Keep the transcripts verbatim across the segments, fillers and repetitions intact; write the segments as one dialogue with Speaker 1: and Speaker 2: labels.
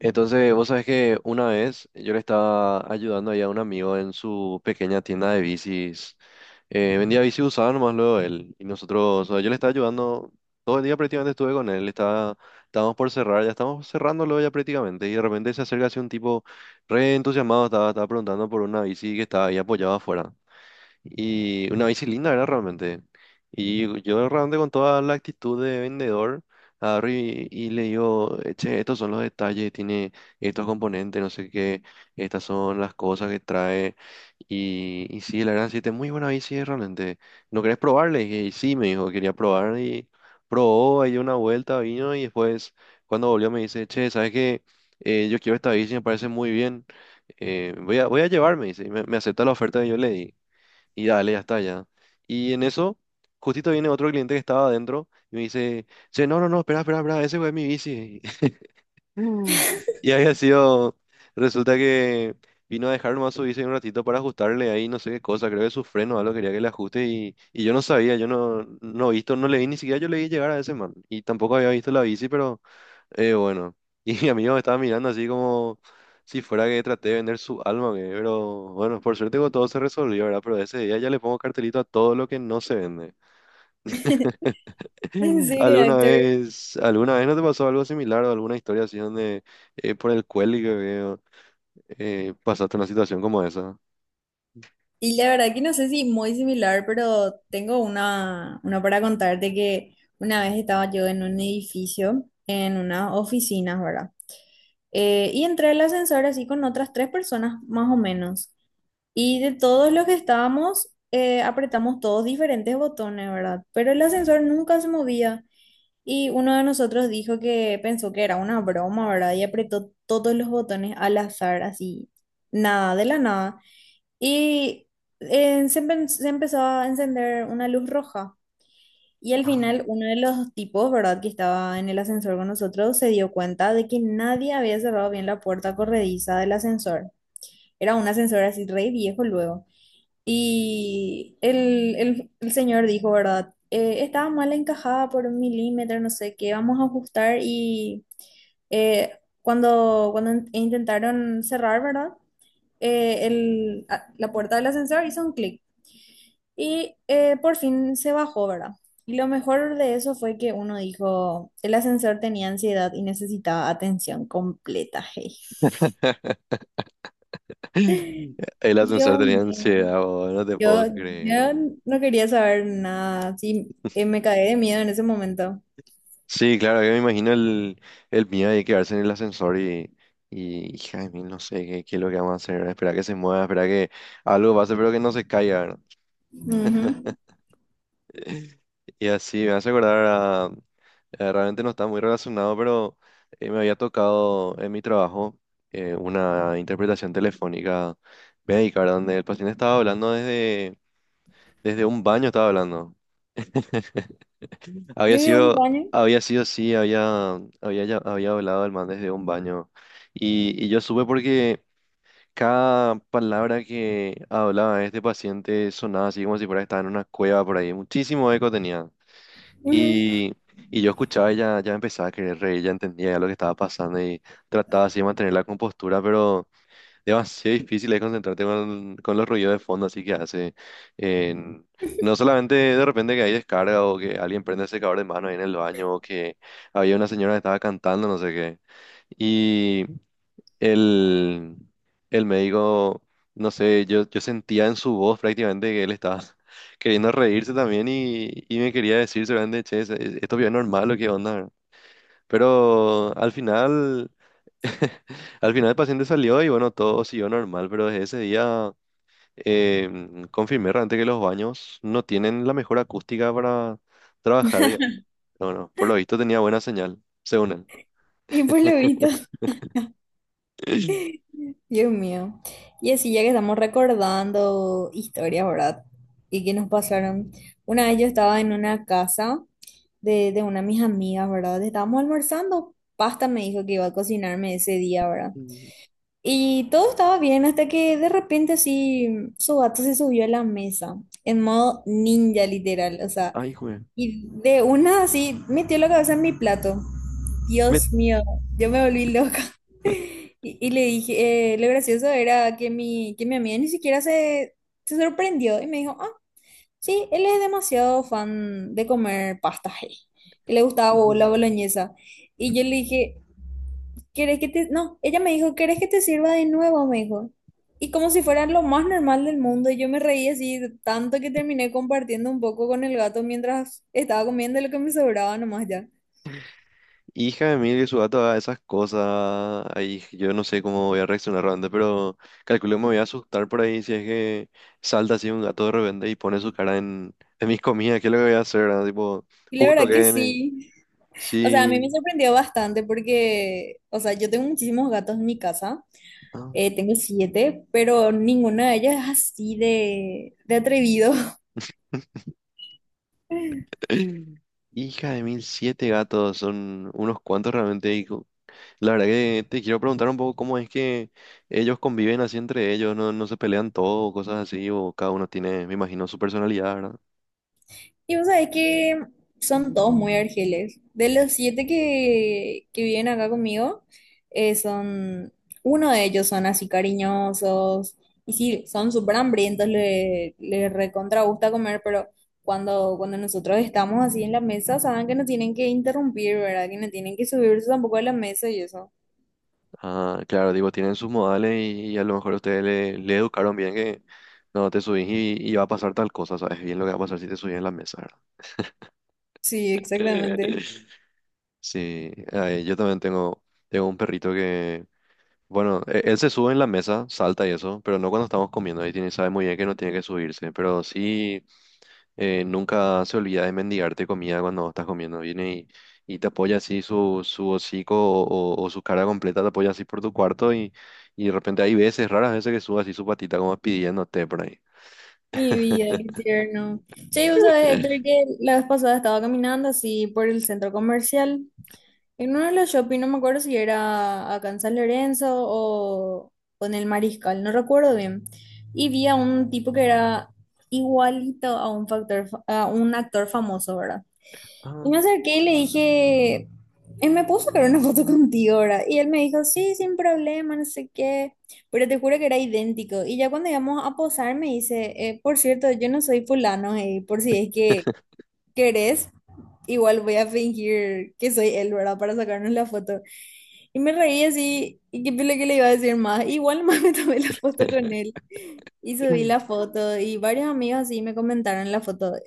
Speaker 1: Entonces, vos sabés que una vez yo le estaba ayudando ahí a un amigo en su pequeña tienda de bicis. Eh, vendía bici usada nomás luego él. Y nosotros, o sea, yo le estaba ayudando, todo el día prácticamente estuve con él. Estaba, estábamos por cerrar, ya estábamos cerrándolo ya prácticamente. Y de repente se acerca así un tipo re entusiasmado, estaba, estaba preguntando por una bici que estaba ahí apoyada afuera. Y una bici linda era realmente. Y yo realmente con toda la actitud de vendedor, agarro y, y le digo, "Eh, che, estos son los detalles, tiene estos componentes, no sé qué, estas son las cosas que trae. Y, y sí, la verdad, sí, es muy buena bici eh, realmente. ¿No querés probarle? Y dije, "Y sí, me dijo, quería probar y probó, ahí dio una vuelta, vino y después cuando volvió me dice, che, ¿sabes qué? Eh, yo quiero esta bici, me parece muy bien. Eh, voy a, voy a llevarme, dice, y me, me acepta la oferta que yo le di. Y dale, ya está, ya. Y en eso, justito viene otro cliente que estaba adentro y me dice, che, no, no, no, espera, espera, espera, ese güey es mi bici. Y había sido, resulta que vino a dejar nomás su bici un ratito para ajustarle ahí no sé qué cosa, creo que su freno o algo quería que le ajuste y, y yo no sabía, yo no, no visto, no le vi ni siquiera yo le vi llegar a ese man y tampoco había visto la bici, pero eh, bueno, y mi amigo me estaba mirando así como si fuera que traté de vender su alma, que, pero bueno, por suerte con todo se resolvió, ¿verdad? Pero ese día ya le pongo cartelito a todo lo que no se vende.
Speaker 2: En serio,
Speaker 1: ¿Alguna
Speaker 2: Héctor.
Speaker 1: vez, alguna vez no te pasó algo similar o alguna historia así donde eh, por el cuelgue que veo eh, pasaste una situación como esa?
Speaker 2: Y la verdad que no sé si muy similar, pero tengo una, una para contarte que una vez estaba yo en un edificio, en unas oficinas, ¿verdad? Eh, y entré al ascensor así con otras tres personas más o menos. Y de todos los que estábamos, eh, apretamos todos diferentes botones, ¿verdad? Pero el ascensor nunca se movía. Y uno de nosotros dijo que pensó que era una broma, ¿verdad? Y apretó todos los botones al azar, así, nada, de la nada. Y eh, se, empe- Se empezó a encender una luz roja. Y al
Speaker 1: Ah.
Speaker 2: final uno de los tipos, ¿verdad? Que estaba en el ascensor con nosotros, se dio cuenta de que nadie había cerrado bien la puerta corrediza del ascensor. Era un ascensor así re viejo luego. Y el, el- el señor dijo, ¿verdad? Eh, estaba mal encajada por un milímetro, no sé qué, vamos a ajustar. Y eh, cuando, cuando in- intentaron cerrar, ¿verdad? eh, el- a- la puerta del ascensor hizo un clic. Y eh, por fin se bajó, ¿verdad? Y lo mejor de eso fue que uno dijo, el ascensor tenía ansiedad y necesitaba atención completa, hey.
Speaker 1: El ascensor
Speaker 2: Dios
Speaker 1: tenía
Speaker 2: mío,
Speaker 1: ansiedad, bo, no te puedo
Speaker 2: yo,
Speaker 1: creer.
Speaker 2: yo no quería saber nada, sí, eh, me caí de miedo en ese momento.
Speaker 1: Sí, claro, yo me imagino el, el miedo de quedarse en el ascensor y, y hija de mil, no sé qué, qué es lo que vamos a hacer, esperar que se mueva, esperar que algo pase, pero que no se caiga, ¿verdad?
Speaker 2: Ujú.
Speaker 1: Y así me hace acordar. Eh, realmente no está muy relacionado, pero eh, me había tocado en mi trabajo eh, una interpretación telefónica médica, ¿verdad? Donde el paciente estaba hablando desde, desde un baño, estaba hablando. Había
Speaker 2: Desde un
Speaker 1: sido,
Speaker 2: baño,
Speaker 1: había sido, sí, había, había, ya- había hablado el man desde un baño. Y, y yo supe porque cada palabra que hablaba este paciente sonaba así como si fuera que estaba en una cueva por ahí. Muchísimo eco tenía.
Speaker 2: ujú.
Speaker 1: Y, y yo escuchaba y ya, ya empezaba a querer reír, ya entendía ya lo que estaba pasando y trataba así de mantener la compostura, pero demasiado difícil es concentrarte con, con los ruidos de fondo, así que hace. en- no solamente de repente que hay descarga o que alguien prende el secador de mano ahí en el baño o que había una señora que estaba cantando, no sé qué. El, el médico, no sé, yo, yo sentía en su voz prácticamente que él estaba queriendo reírse también y, y me quería decir seguramente, che, es- es- esto es normal o qué onda. Pero al final, al final el paciente salió y bueno, todo siguió normal, pero desde ese día em, confirmé realmente que los baños no tienen la mejor acústica para trabajar, digamos. No, no, por lo visto tenía buena señal, según
Speaker 2: Y pues lo visto.
Speaker 1: él.
Speaker 2: Dios mío. Y así ya que estamos recordando historias, ¿verdad? Y que nos pasaron. Una vez yo estaba en una casa de, de una de mis amigas, ¿verdad? Estábamos almorzando. Pasta me dijo que iba a cocinarme ese día, ¿verdad? Y todo estaba bien hasta que de repente así su gato se subió a la mesa, en modo ninja literal, o sea,
Speaker 1: Ay, joder.
Speaker 2: y de una así metió la cabeza en mi plato. Dios mío, yo me volví loca. Y, y le dije, eh, lo gracioso era que mi, que mi amiga ni siquiera se, se sorprendió y me dijo, ah, sí, él es demasiado fan de comer pasta, eh, que le gustaba bo- la boloñesa. Y yo le dije, ¿querés que te...? No, ella me dijo, ¿querés que te sirva de nuevo? Me dijo. Y como si fuera lo más normal del mundo, y yo me reí así tanto que terminé compartiendo un poco con el gato mientras estaba comiendo lo que me sobraba nomás ya.
Speaker 1: Hija de mil que su gato haga esas cosas, ahí yo no sé cómo voy a reaccionar realmente, pero calculo que me voy a asustar por ahí si es que salta así un gato de repente y pone su cara en, en mis comidas, ¿qué es lo que voy a hacer, verdad? Tipo,
Speaker 2: Y la
Speaker 1: justo
Speaker 2: verdad
Speaker 1: que
Speaker 2: que
Speaker 1: viene,
Speaker 2: sí. O sea, a mí me
Speaker 1: sí.
Speaker 2: sorprendió bastante porque, o sea, yo tengo muchísimos gatos en mi casa.
Speaker 1: Ah.
Speaker 2: Eh, tengo siete, pero ninguna de ellas es así de, de atrevido.
Speaker 1: Hija de mil, siete gatos, son unos cuantos realmente. Y co- la verdad que te quiero preguntar un poco cómo es que ellos conviven así entre ellos, no, no se pelean todo, cosas así, o cada uno tiene, me imagino, su personalidad, ¿verdad?
Speaker 2: Y vos sabés que son todos muy argeles. De los siete que, que viven acá conmigo, eh, son, uno de ellos son así cariñosos. Y sí, son súper hambrientos, le, le recontra gusta comer, pero cuando, cuando nosotros estamos así en la mesa, saben que no tienen que interrumpir, ¿verdad? Que no tienen que subirse tampoco a la mesa y eso.
Speaker 1: Ah, claro, digo, tienen sus modales y, y a lo mejor ustedes le, le educaron bien que no te subís y, y va a pasar tal cosa, ¿sabes? Bien lo que va a pasar si te subís en la mesa, ¿verdad?
Speaker 2: Sí, exactamente.
Speaker 1: Sí, ay, yo también tengo, tengo un perrito que, bueno, e- él se sube en la mesa, salta y eso, pero no cuando estamos comiendo, ahí tiene, sabe muy bien que no tiene que subirse, pero sí. eh, nunca se olvida de mendigarte comida cuando vos estás comiendo. Viene y, y te apoya así su, su hocico o, o- o su cara completa, te apoya así por tu cuarto y, y de repente hay veces, raras veces que sube así su patita como pidiéndote por ahí.
Speaker 2: Mi vida, qué tierno. Che, vos sabés, Héctor, que la vez pasada estaba caminando así por el centro comercial. En uno de los shopping, no me acuerdo si era acá en San Lorenzo o, o en el Mariscal, no recuerdo bien. Y vi a un tipo que era igualito a un factor, fa- a un actor famoso, ¿verdad? Y
Speaker 1: Ah.
Speaker 2: me acerqué y le dije, él me puso que era una foto contigo, ¿verdad? Y él me dijo, sí, sin problema, no sé qué. Pero te juro que era idéntico. Y ya cuando íbamos a posar, me dice, "Eh, por cierto, yo no soy fulano, eh, por si es que querés igual voy a fingir que soy él, ¿verdad? Para sacarnos la foto. Y me reí así, y qué pele que le iba a decir más. Igual más me tomé la foto con él y subí la foto y varios amigos así me comentaron la foto. De,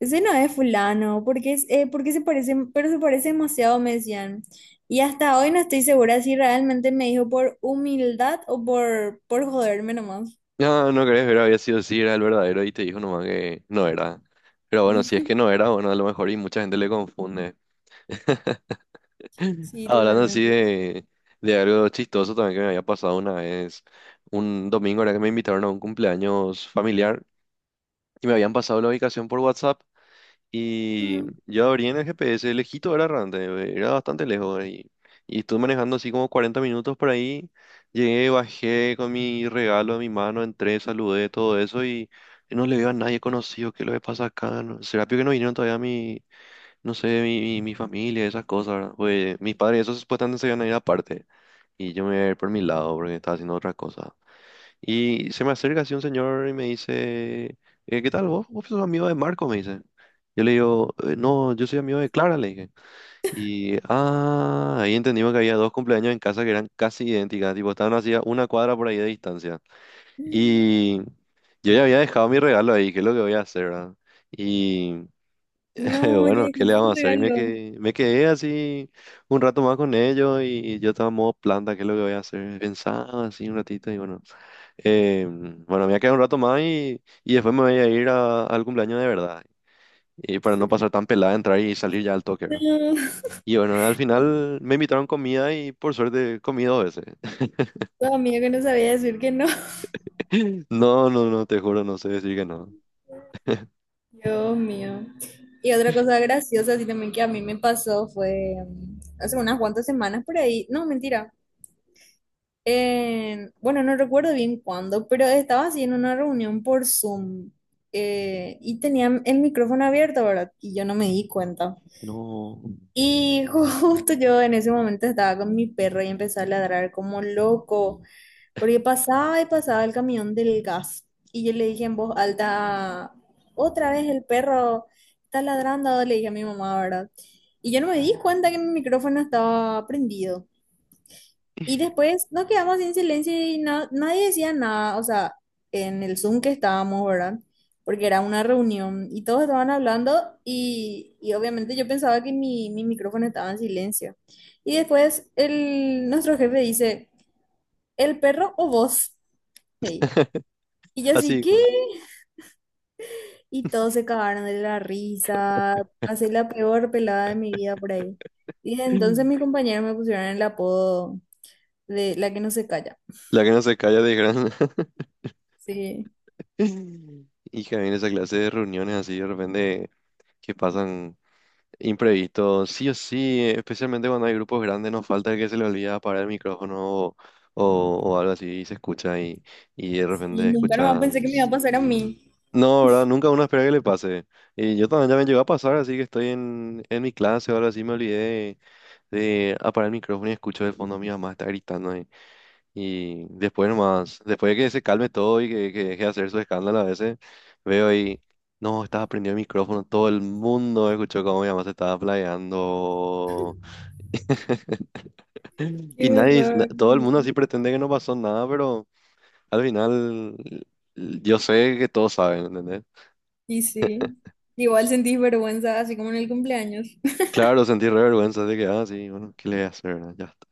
Speaker 2: ese no es fulano, porque es, eh, ¿por qué se parece? Pero se parece demasiado, me decían. Y hasta hoy no estoy segura si realmente me dijo por humildad o por, por joderme nomás.
Speaker 1: No, no crees, pero había sido sí era el verdadero y te dijo nomás que no era. Pero bueno, si es que no era, bueno, a lo mejor y mucha gente le confunde.
Speaker 2: Sí,
Speaker 1: Hablando así
Speaker 2: totalmente.
Speaker 1: de, de algo chistoso también que me había pasado una vez, un domingo era que me invitaron a un cumpleaños familiar y me habían pasado la ubicación por WhatsApp y
Speaker 2: Mm.
Speaker 1: yo abrí en el G P S, lejito era realmente, era bastante lejos y, y estuve manejando así como cuarenta minutos por ahí, llegué, bajé con mi regalo en mi mano, entré, saludé, todo eso y no le veo a nadie conocido, ¿qué es lo que pasa acá? No- ¿Será que no vinieron todavía mi, no sé, mi, mi, mi familia, esas cosas, ¿verdad? Pues mis padres, esos supuestamente se iban a ir aparte y yo me voy a ir por mi lado porque estaba haciendo otra cosa. Y se me acerca así un señor y me dice, eh, ¿qué tal vos? ¿Vos sos amigo de Marco? Me dice. Yo le digo, "Eh, no, yo soy amigo de Clara, le dije. Y, ah, ahí entendimos que había dos cumpleaños en casa que eran casi idénticas, tipo, estaban así a una cuadra por ahí de distancia. Y yo ya había dejado mi regalo ahí, ¿qué es lo que voy a hacer, verdad? Y
Speaker 2: No, ya
Speaker 1: bueno, ¿qué le
Speaker 2: dejaste tu
Speaker 1: vamos a hacer? Y me
Speaker 2: regalo.
Speaker 1: quedé, me quedé así un rato más con ellos y yo estaba en modo planta, ¿qué es lo que voy a hacer? Pensaba así un ratito y bueno. Eh, bueno, me voy a quedar un rato más y, y después me voy a ir a- al cumpleaños de verdad. Y para no pasar tan pelada, entrar y salir ya al toque, ¿verdad?
Speaker 2: No.
Speaker 1: Y bueno, al final me invitaron comida y por suerte comí dos veces.
Speaker 2: Tu amigo que no sabía decir que no.
Speaker 1: No, no, no, te juro, no sé decir que no.
Speaker 2: Dios mío. Y otra cosa graciosa, así también que a mí me pasó fue mm, hace unas cuantas semanas por ahí. No, mentira. En- bueno, no recuerdo bien cuándo, pero estaba así en una reunión por Zoom, eh, y tenía el micrófono abierto, ¿verdad? Y yo no me di cuenta.
Speaker 1: No.
Speaker 2: Y justo yo en ese momento estaba con mi perro y empecé a ladrar como loco, porque pasaba y pasaba el camión del gas. Y yo le dije en voz alta, otra vez el perro está ladrando, le dije a mi mamá, ¿verdad? Y yo no me di cuenta que mi micrófono estaba prendido. Y después nos quedamos en silencio y na- nadie decía nada, o sea, en el Zoom que estábamos, ¿verdad? Porque era una reunión y todos estaban hablando y, y obviamente yo pensaba que mi, mi micrófono estaba en silencio. Y después el, nuestro jefe dice... ¿El perro o vos? Hey. Y yo así,
Speaker 1: Así,
Speaker 2: ¿qué?
Speaker 1: ¿no?
Speaker 2: Y todos se cagaron de la risa. Pasé la peor pelada de mi vida por ahí. Y desde entonces mis compañeros me pusieron el apodo de la que no se calla.
Speaker 1: La que no se calla de gran.
Speaker 2: Sí,
Speaker 1: Hija, viene esa clase de reuniones así de repente que pasan. Imprevisto, sí o sí, especialmente cuando hay grupos grandes, nos falta el que se le olvida apagar el micrófono o, o- o algo así y se escucha y, y de
Speaker 2: sí,
Speaker 1: repente
Speaker 2: nunca nomás pensé que me iba a
Speaker 1: escuchas.
Speaker 2: pasar a mí.
Speaker 1: No, ¿verdad? Nunca uno espera que le pase. Y yo también ya me llegó a pasar, así que estoy en, en mi clase o algo así, me olvidé de, de apagar el micrófono y escucho de fondo a mi mamá está gritando. Y después nomás, después de que se calme todo y que, que deje de hacer su escándalo a veces, veo y, no, estaba prendido el micrófono, todo el mundo escuchó cómo mi mamá se estaba playando. Y
Speaker 2: Qué
Speaker 1: nadie, na-
Speaker 2: horror.
Speaker 1: todo el mundo así pretende que no pasó nada, pero al final l- yo sé que todos saben, ¿entendés?
Speaker 2: Y sí, igual sentí vergüenza, así como en el cumpleaños.
Speaker 1: Claro, sentí re vergüenza de que, ah, sí, bueno, ¿qué le voy a hacer, verdad? Ya está.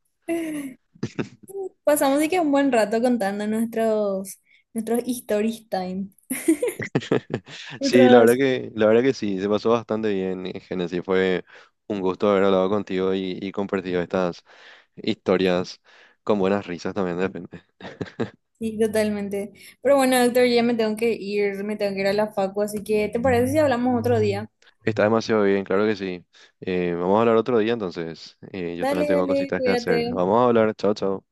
Speaker 2: Pasamos y que un buen rato contando nuestros, nuestros stories time,
Speaker 1: Sí, la verdad
Speaker 2: nuestros...
Speaker 1: que, la verdad que sí, se pasó bastante bien, eh, Génesis. Fue un gusto haber hablado contigo y, y compartido estas Historias con buenas risas también depende.
Speaker 2: Sí, totalmente. Pero bueno, doctor, ya me tengo que ir, me tengo que ir a la facu, así que ¿te parece si hablamos otro día?
Speaker 1: Está demasiado bien, claro que sí. Eh, vamos a hablar otro día entonces. Eh, yo también
Speaker 2: Dale,
Speaker 1: tengo
Speaker 2: dale,
Speaker 1: cositas que hacer.
Speaker 2: cuídate.
Speaker 1: Vamos a hablar, chao, chao.